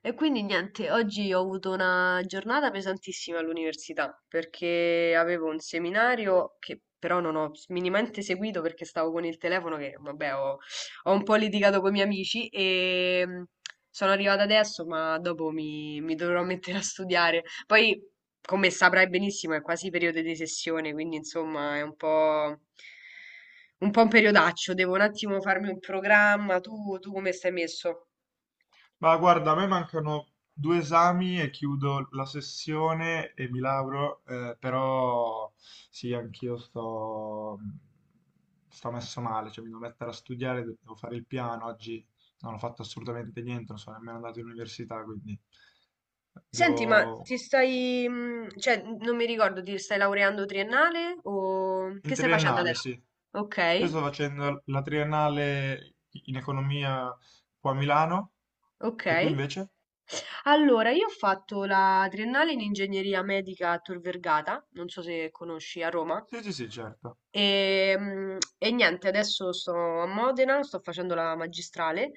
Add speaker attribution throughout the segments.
Speaker 1: E quindi niente, oggi ho avuto una giornata pesantissima all'università perché avevo un seminario che però non ho minimamente seguito perché stavo con il telefono che vabbè ho un po' litigato con i miei amici e sono arrivata adesso ma dopo mi dovrò mettere a studiare. Poi come saprai benissimo è quasi periodo di sessione quindi insomma è un po' un periodaccio, devo un attimo farmi un programma. Tu come stai messo?
Speaker 2: Ma guarda, a me mancano due esami e chiudo la sessione e mi lauro, però sì, anch'io sto, sto messo male, cioè mi devo mettere a studiare, devo fare il piano, oggi non ho fatto assolutamente niente, non sono nemmeno andato in università, quindi
Speaker 1: Senti, ma
Speaker 2: devo...
Speaker 1: ti stai, cioè, n non mi ricordo, ti stai laureando triennale o che
Speaker 2: In
Speaker 1: stai facendo
Speaker 2: triennale,
Speaker 1: adesso?
Speaker 2: sì. Io
Speaker 1: Okay,
Speaker 2: sto facendo la triennale in economia qua a Milano, e tu
Speaker 1: okay.
Speaker 2: invece?
Speaker 1: Allora, io ho fatto la triennale in ingegneria medica a Tor Vergata, non so se conosci, a Roma.
Speaker 2: Sì, sì, sì, certo.
Speaker 1: E niente, adesso sto a Modena, sto facendo la magistrale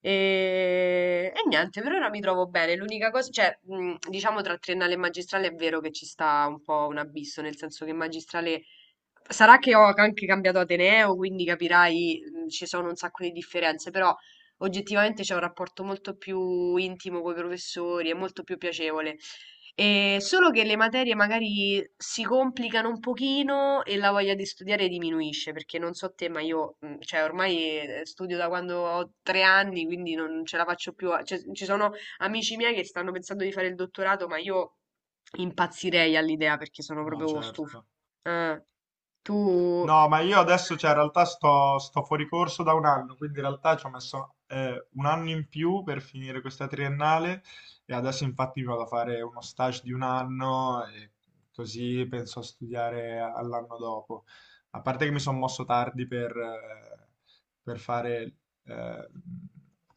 Speaker 1: e niente, per ora mi trovo bene. L'unica cosa, cioè, diciamo tra triennale e magistrale è vero che ci sta un po' un abisso, nel senso che magistrale. Sarà che ho anche cambiato ateneo, quindi capirai, ci sono un sacco di differenze, però oggettivamente c'è un rapporto molto più intimo coi professori, è molto più piacevole. Solo che le materie magari si complicano un pochino e la voglia di studiare diminuisce, perché non so te, ma io, cioè ormai, studio da quando ho 3 anni, quindi non ce la faccio più a cioè ci sono amici miei che stanno pensando di fare il dottorato, ma io impazzirei all'idea perché sono
Speaker 2: No,
Speaker 1: proprio stufa.
Speaker 2: certo.
Speaker 1: Eh. Tu
Speaker 2: No, ma io adesso, cioè, in realtà sto fuori corso da un anno, quindi in realtà ci ho messo un anno in più per finire questa triennale e adesso infatti mi vado a fare uno stage di un anno e così penso a studiare all'anno dopo. A parte che mi sono mosso tardi per fare eh,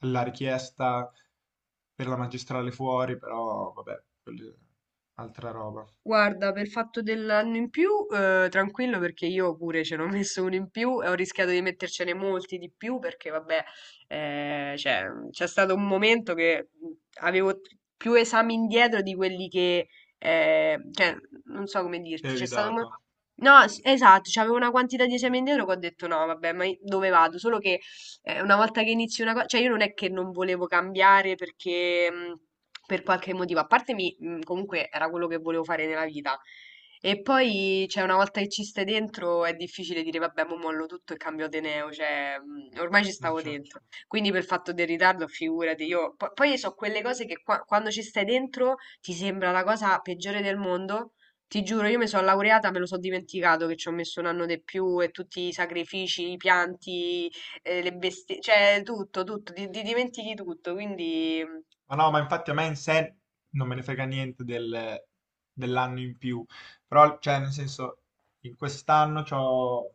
Speaker 2: la richiesta per la magistrale fuori, però vabbè, quella è altra roba.
Speaker 1: Guarda, per il fatto dell'anno in più, tranquillo perché io pure ce n'ho messo uno in più e ho rischiato di mettercene molti di più perché, vabbè, cioè, c'è stato un momento che avevo più esami indietro di quelli che, cioè, non so come
Speaker 2: Che
Speaker 1: dirti, c'è
Speaker 2: avevi
Speaker 1: stato
Speaker 2: dato?
Speaker 1: No, esatto, c'avevo una quantità di
Speaker 2: Sì,
Speaker 1: esami indietro che ho detto no, vabbè, ma dove vado? Solo che una volta che inizi una cosa, cioè io non è che non volevo cambiare perché per qualche motivo, a parte mi, comunque era quello che volevo fare nella vita. E poi, cioè, una volta che ci stai dentro è difficile dire, vabbè, mo mollo tutto e cambio ateneo, cioè, ormai ci
Speaker 2: non
Speaker 1: stavo
Speaker 2: c'è.
Speaker 1: dentro. Quindi per fatto del ritardo, figurati, poi so quelle cose che quando ci stai dentro ti sembra la cosa peggiore del mondo. Ti giuro, io mi sono laureata, me lo so dimenticato che ci ho messo un anno di più e tutti i sacrifici, i pianti, le bestie, cioè tutto, tutto, ti dimentichi tutto, quindi.
Speaker 2: Ma no, ma infatti a me in sé non me ne frega niente dell'anno in più, però, cioè, nel senso, in quest'anno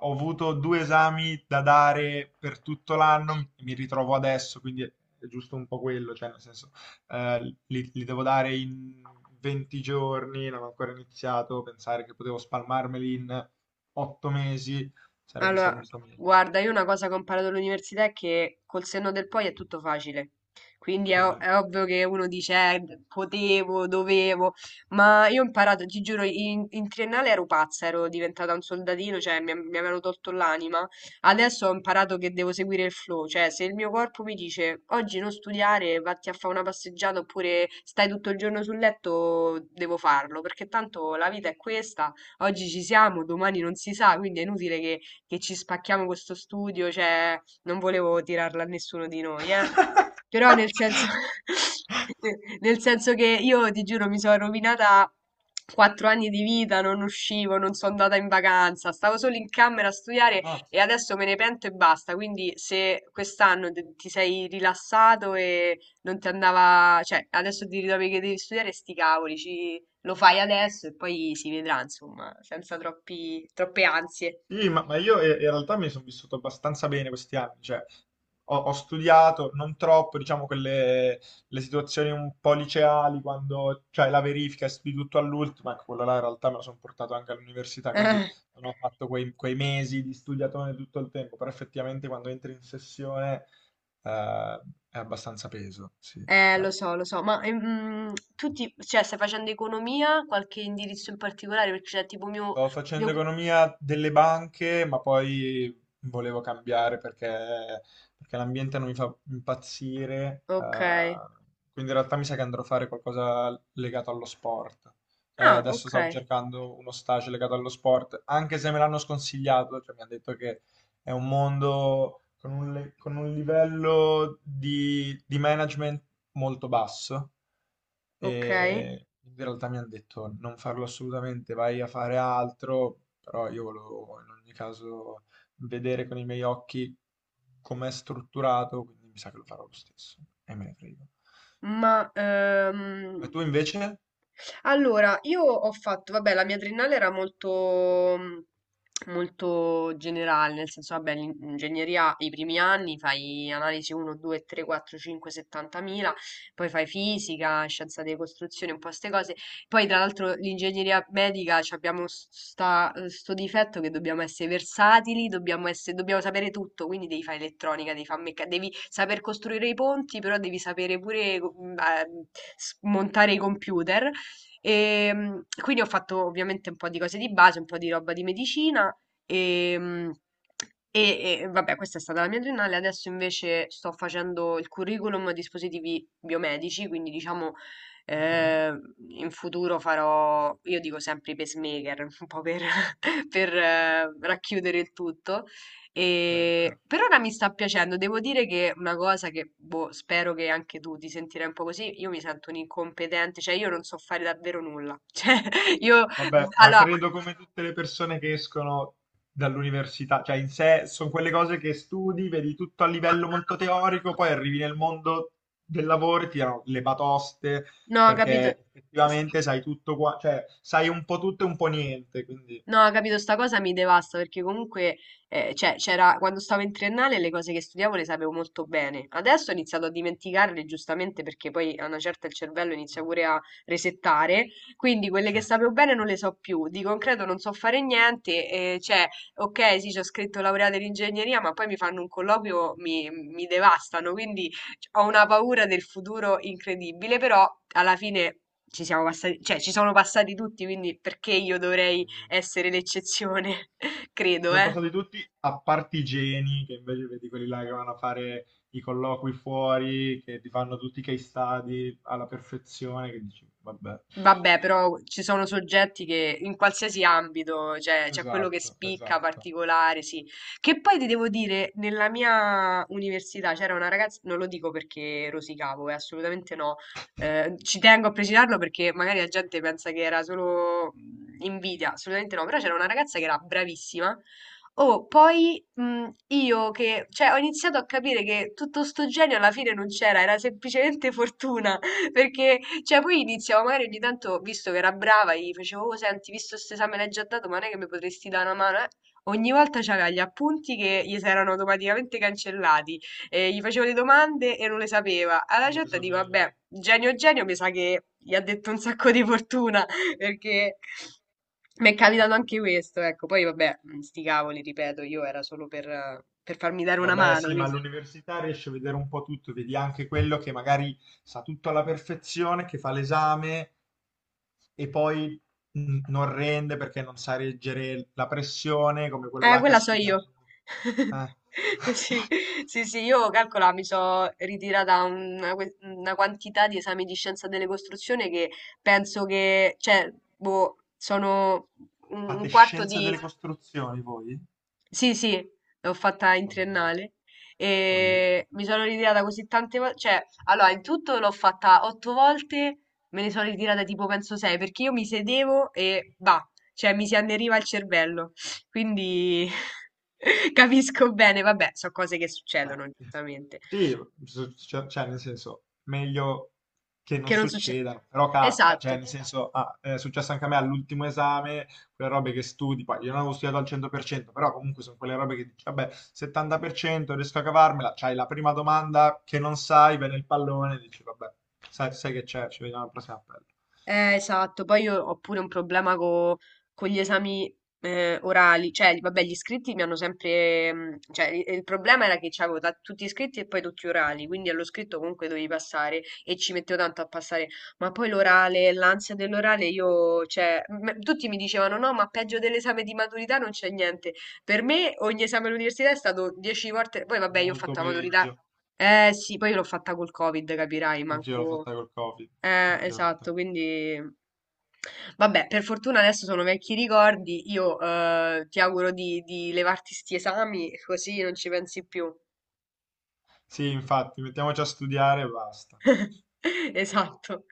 Speaker 2: ho avuto due esami da dare per tutto l'anno, mi ritrovo adesso, quindi è giusto un po' quello, cioè, nel senso, eh, li devo dare in 20 giorni, non ho ancora iniziato, pensare che potevo spalmarmeli in 8 mesi sarebbe
Speaker 1: Allora,
Speaker 2: stato un po' meglio, però,
Speaker 1: guarda, io una cosa che ho imparato all'università è che col senno del poi è tutto facile. Quindi è,
Speaker 2: vabbè.
Speaker 1: è ovvio che uno dice, potevo, dovevo, ma io ho imparato, ti giuro, in triennale ero pazza, ero diventata un soldatino, cioè mi avevano tolto l'anima. Adesso ho imparato che devo seguire il flow, cioè se il mio corpo mi dice oggi non studiare, vatti a fare una passeggiata oppure stai tutto il giorno sul letto, devo farlo, perché tanto la vita è questa, oggi ci siamo, domani non si sa, quindi è inutile che ci spacchiamo questo studio, cioè non volevo tirarla a nessuno di noi, eh. Però nel senso, nel senso che io ti giuro mi sono rovinata 4 anni di vita, non uscivo, non sono andata in vacanza, stavo solo in camera a studiare e
Speaker 2: Mazza.
Speaker 1: adesso me ne pento e basta. Quindi se quest'anno ti sei rilassato e non ti andava, cioè adesso ti ritrovi che devi studiare, sti cavoli, lo fai adesso e poi si vedrà, insomma, senza troppi, troppe ansie.
Speaker 2: Sì, ma io in realtà mi sono vissuto abbastanza bene questi anni, cioè ho studiato non troppo, diciamo, quelle le situazioni un po' liceali, quando c'è la verifica e studi tutto all'ultimo, ecco, quello là in realtà me lo sono portato anche all'università, quindi non ho fatto quei mesi di studiatone tutto il tempo, però effettivamente quando entri in sessione eh, è abbastanza peso, sì, cioè,
Speaker 1: Lo so, ma tu ti, cioè, stai facendo economia, qualche indirizzo in particolare? Perché c'è tipo mio,
Speaker 2: sto facendo
Speaker 1: mio...
Speaker 2: economia delle banche, ma poi volevo cambiare perché, perché l'ambiente non mi fa impazzire.
Speaker 1: Ok,
Speaker 2: Eh, quindi in realtà mi sa che andrò a fare qualcosa legato allo sport.
Speaker 1: ah,
Speaker 2: Adesso
Speaker 1: ok,
Speaker 2: stavo cercando uno stage legato allo sport, anche se me l'hanno sconsigliato, cioè mi hanno detto che è un mondo con con un livello di management molto basso
Speaker 1: ok,
Speaker 2: e in realtà mi hanno detto non farlo assolutamente, vai a fare altro, però io volevo in ogni caso vedere con i miei occhi com'è strutturato, quindi mi sa che lo farò lo stesso e me ne frego.
Speaker 1: ma
Speaker 2: E tu invece?
Speaker 1: allora, io ho fatto, vabbè, la mia triennale era molto, molto generale, nel senso, vabbè, l'ingegneria, i primi anni fai analisi 1, 2, 3, 4, 5, 70.000, poi fai fisica, scienza delle costruzioni, un po' queste cose. Poi, tra l'altro, l'ingegneria medica ci abbiamo sto difetto che dobbiamo essere versatili, dobbiamo sapere tutto, quindi devi fare elettronica, devi saper costruire i ponti, però devi sapere pure montare i computer. E, quindi ho fatto ovviamente un po' di cose di base, un po' di roba di medicina e, mm, e, vabbè, questa è stata la mia triennale. Adesso invece sto facendo il curriculum a dispositivi biomedici, quindi diciamo
Speaker 2: Ok,
Speaker 1: Ehm, in futuro farò, io dico sempre i pacemaker, un po' per, per, racchiudere il tutto. E
Speaker 2: certo.
Speaker 1: per ora mi sta piacendo, devo dire che una cosa che boh, spero che anche tu ti sentirai un po' così, io mi sento un incompetente, cioè io non so fare davvero nulla. Cioè, io
Speaker 2: Vabbè, ma
Speaker 1: allora.
Speaker 2: credo come tutte le persone che escono dall'università, cioè in sé sono quelle cose che studi, vedi tutto a livello molto teorico, poi arrivi nel mondo del lavoro e ti danno le batoste,
Speaker 1: No, capito.
Speaker 2: perché effettivamente sai tutto qua, cioè sai un po' tutto e un po' niente, quindi
Speaker 1: No, capito, sta cosa mi devasta perché comunque, cioè, c'era, quando stavo in triennale le cose che studiavo le sapevo molto bene. Adesso ho iniziato a dimenticarle giustamente perché poi a una certa il cervello inizia
Speaker 2: no.
Speaker 1: pure a resettare, quindi quelle che sapevo bene non le so più. Di concreto non so fare niente, cioè, ok, sì, ci ho scritto laureata in ingegneria, ma poi mi fanno un colloquio, mi devastano, quindi cioè, ho una paura del futuro incredibile, però alla fine... Ci siamo passati, cioè ci sono passati tutti, quindi perché io dovrei
Speaker 2: Mm.
Speaker 1: essere l'eccezione,
Speaker 2: Ci
Speaker 1: credo,
Speaker 2: sono
Speaker 1: eh.
Speaker 2: passati tutti a parte i geni, che invece vedi quelli là che vanno a fare i colloqui fuori, che ti fanno tutti i case study alla perfezione, che dici, vabbè.
Speaker 1: Vabbè, però ci sono soggetti che in qualsiasi ambito, cioè c'è quello che
Speaker 2: Esatto,
Speaker 1: spicca
Speaker 2: esatto.
Speaker 1: particolare, sì. Che poi ti devo dire, nella mia università c'era una ragazza, non lo dico perché rosicavo, assolutamente no. Ci tengo a precisarlo perché magari la gente pensa che era solo invidia, assolutamente no, però c'era una ragazza che era bravissima. Oh, poi io che, cioè, ho iniziato a capire che tutto sto genio alla fine non c'era, era semplicemente fortuna. Perché, cioè, poi iniziavo magari ogni tanto, visto che era brava, gli facevo, oh, senti, visto questo esame l'hai già dato, ma non è che mi potresti dare una mano, eh? Ogni volta c'aveva gli appunti che gli si erano automaticamente cancellati, e gli facevo le domande e non le sapeva. Alla
Speaker 2: Non lo
Speaker 1: certa dico,
Speaker 2: sapeva.
Speaker 1: vabbè, genio genio, mi sa che gli ha detto un sacco di fortuna, perché mi è capitato anche questo, ecco. Poi, vabbè, sti cavoli, ripeto, io era solo per farmi dare una
Speaker 2: Vabbè,
Speaker 1: mano,
Speaker 2: sì, ma
Speaker 1: quindi...
Speaker 2: all'università riesci a vedere un po' tutto, vedi anche quello che magari sa tutto alla perfezione, che fa l'esame e poi mm, non rende perché non sa reggere la pressione, come quello là che ha
Speaker 1: Quella so io.
Speaker 2: studiato. Eh.
Speaker 1: Sì, sì, sì, io calcola, mi sono ritirata una quantità di esami di scienza delle costruzioni che penso che, cioè, boh, sono un
Speaker 2: Fate
Speaker 1: un quarto
Speaker 2: scienza
Speaker 1: di,
Speaker 2: delle costruzioni voi?
Speaker 1: sì, sì, l'ho fatta in
Speaker 2: Follia.
Speaker 1: triennale
Speaker 2: Follia.
Speaker 1: e mi sono ritirata così tante volte, cioè, allora, in tutto l'ho fatta otto volte, me ne sono ritirata tipo penso sei, perché io mi sedevo e va, cioè mi si anneriva il cervello, quindi capisco bene, vabbè, sono cose che
Speaker 2: Ma-
Speaker 1: succedono, giustamente,
Speaker 2: Sì, cioè, nel senso, meglio che non
Speaker 1: che non succedono.
Speaker 2: succeda, però capita, cioè
Speaker 1: Esatto.
Speaker 2: nel senso, ah, è successo anche a me all'ultimo esame, quelle robe che studi, poi io non avevo studiato al 100%, però comunque sono quelle robe che dici, vabbè, 70% riesco a cavarmela, c'hai la prima domanda che non sai, viene il pallone, dici, vabbè, sai che c'è, ci vediamo al prossimo appello.
Speaker 1: Esatto, poi io ho pure un problema con gli esami orali, cioè vabbè gli iscritti mi hanno sempre, cioè il problema era che c'avevo tutti iscritti e poi tutti orali, quindi allo scritto comunque dovevi passare e ci mettevo tanto a passare, ma poi l'orale, l'ansia dell'orale io, cioè tutti mi dicevano no ma peggio dell'esame di maturità non c'è niente, per me ogni esame all'università è stato 10 volte, poi vabbè io ho
Speaker 2: Molto
Speaker 1: fatto la maturità,
Speaker 2: peggio,
Speaker 1: eh sì, poi l'ho fatta col Covid, capirai,
Speaker 2: anch'io l'ho
Speaker 1: manco...
Speaker 2: fatta col Covid, anch'io l'ho
Speaker 1: Esatto,
Speaker 2: fatta.
Speaker 1: quindi. Vabbè, per fortuna adesso sono vecchi ricordi, io ti auguro di levarti sti esami così non ci pensi più.
Speaker 2: Sì, infatti, mettiamoci a studiare e basta.
Speaker 1: Esatto.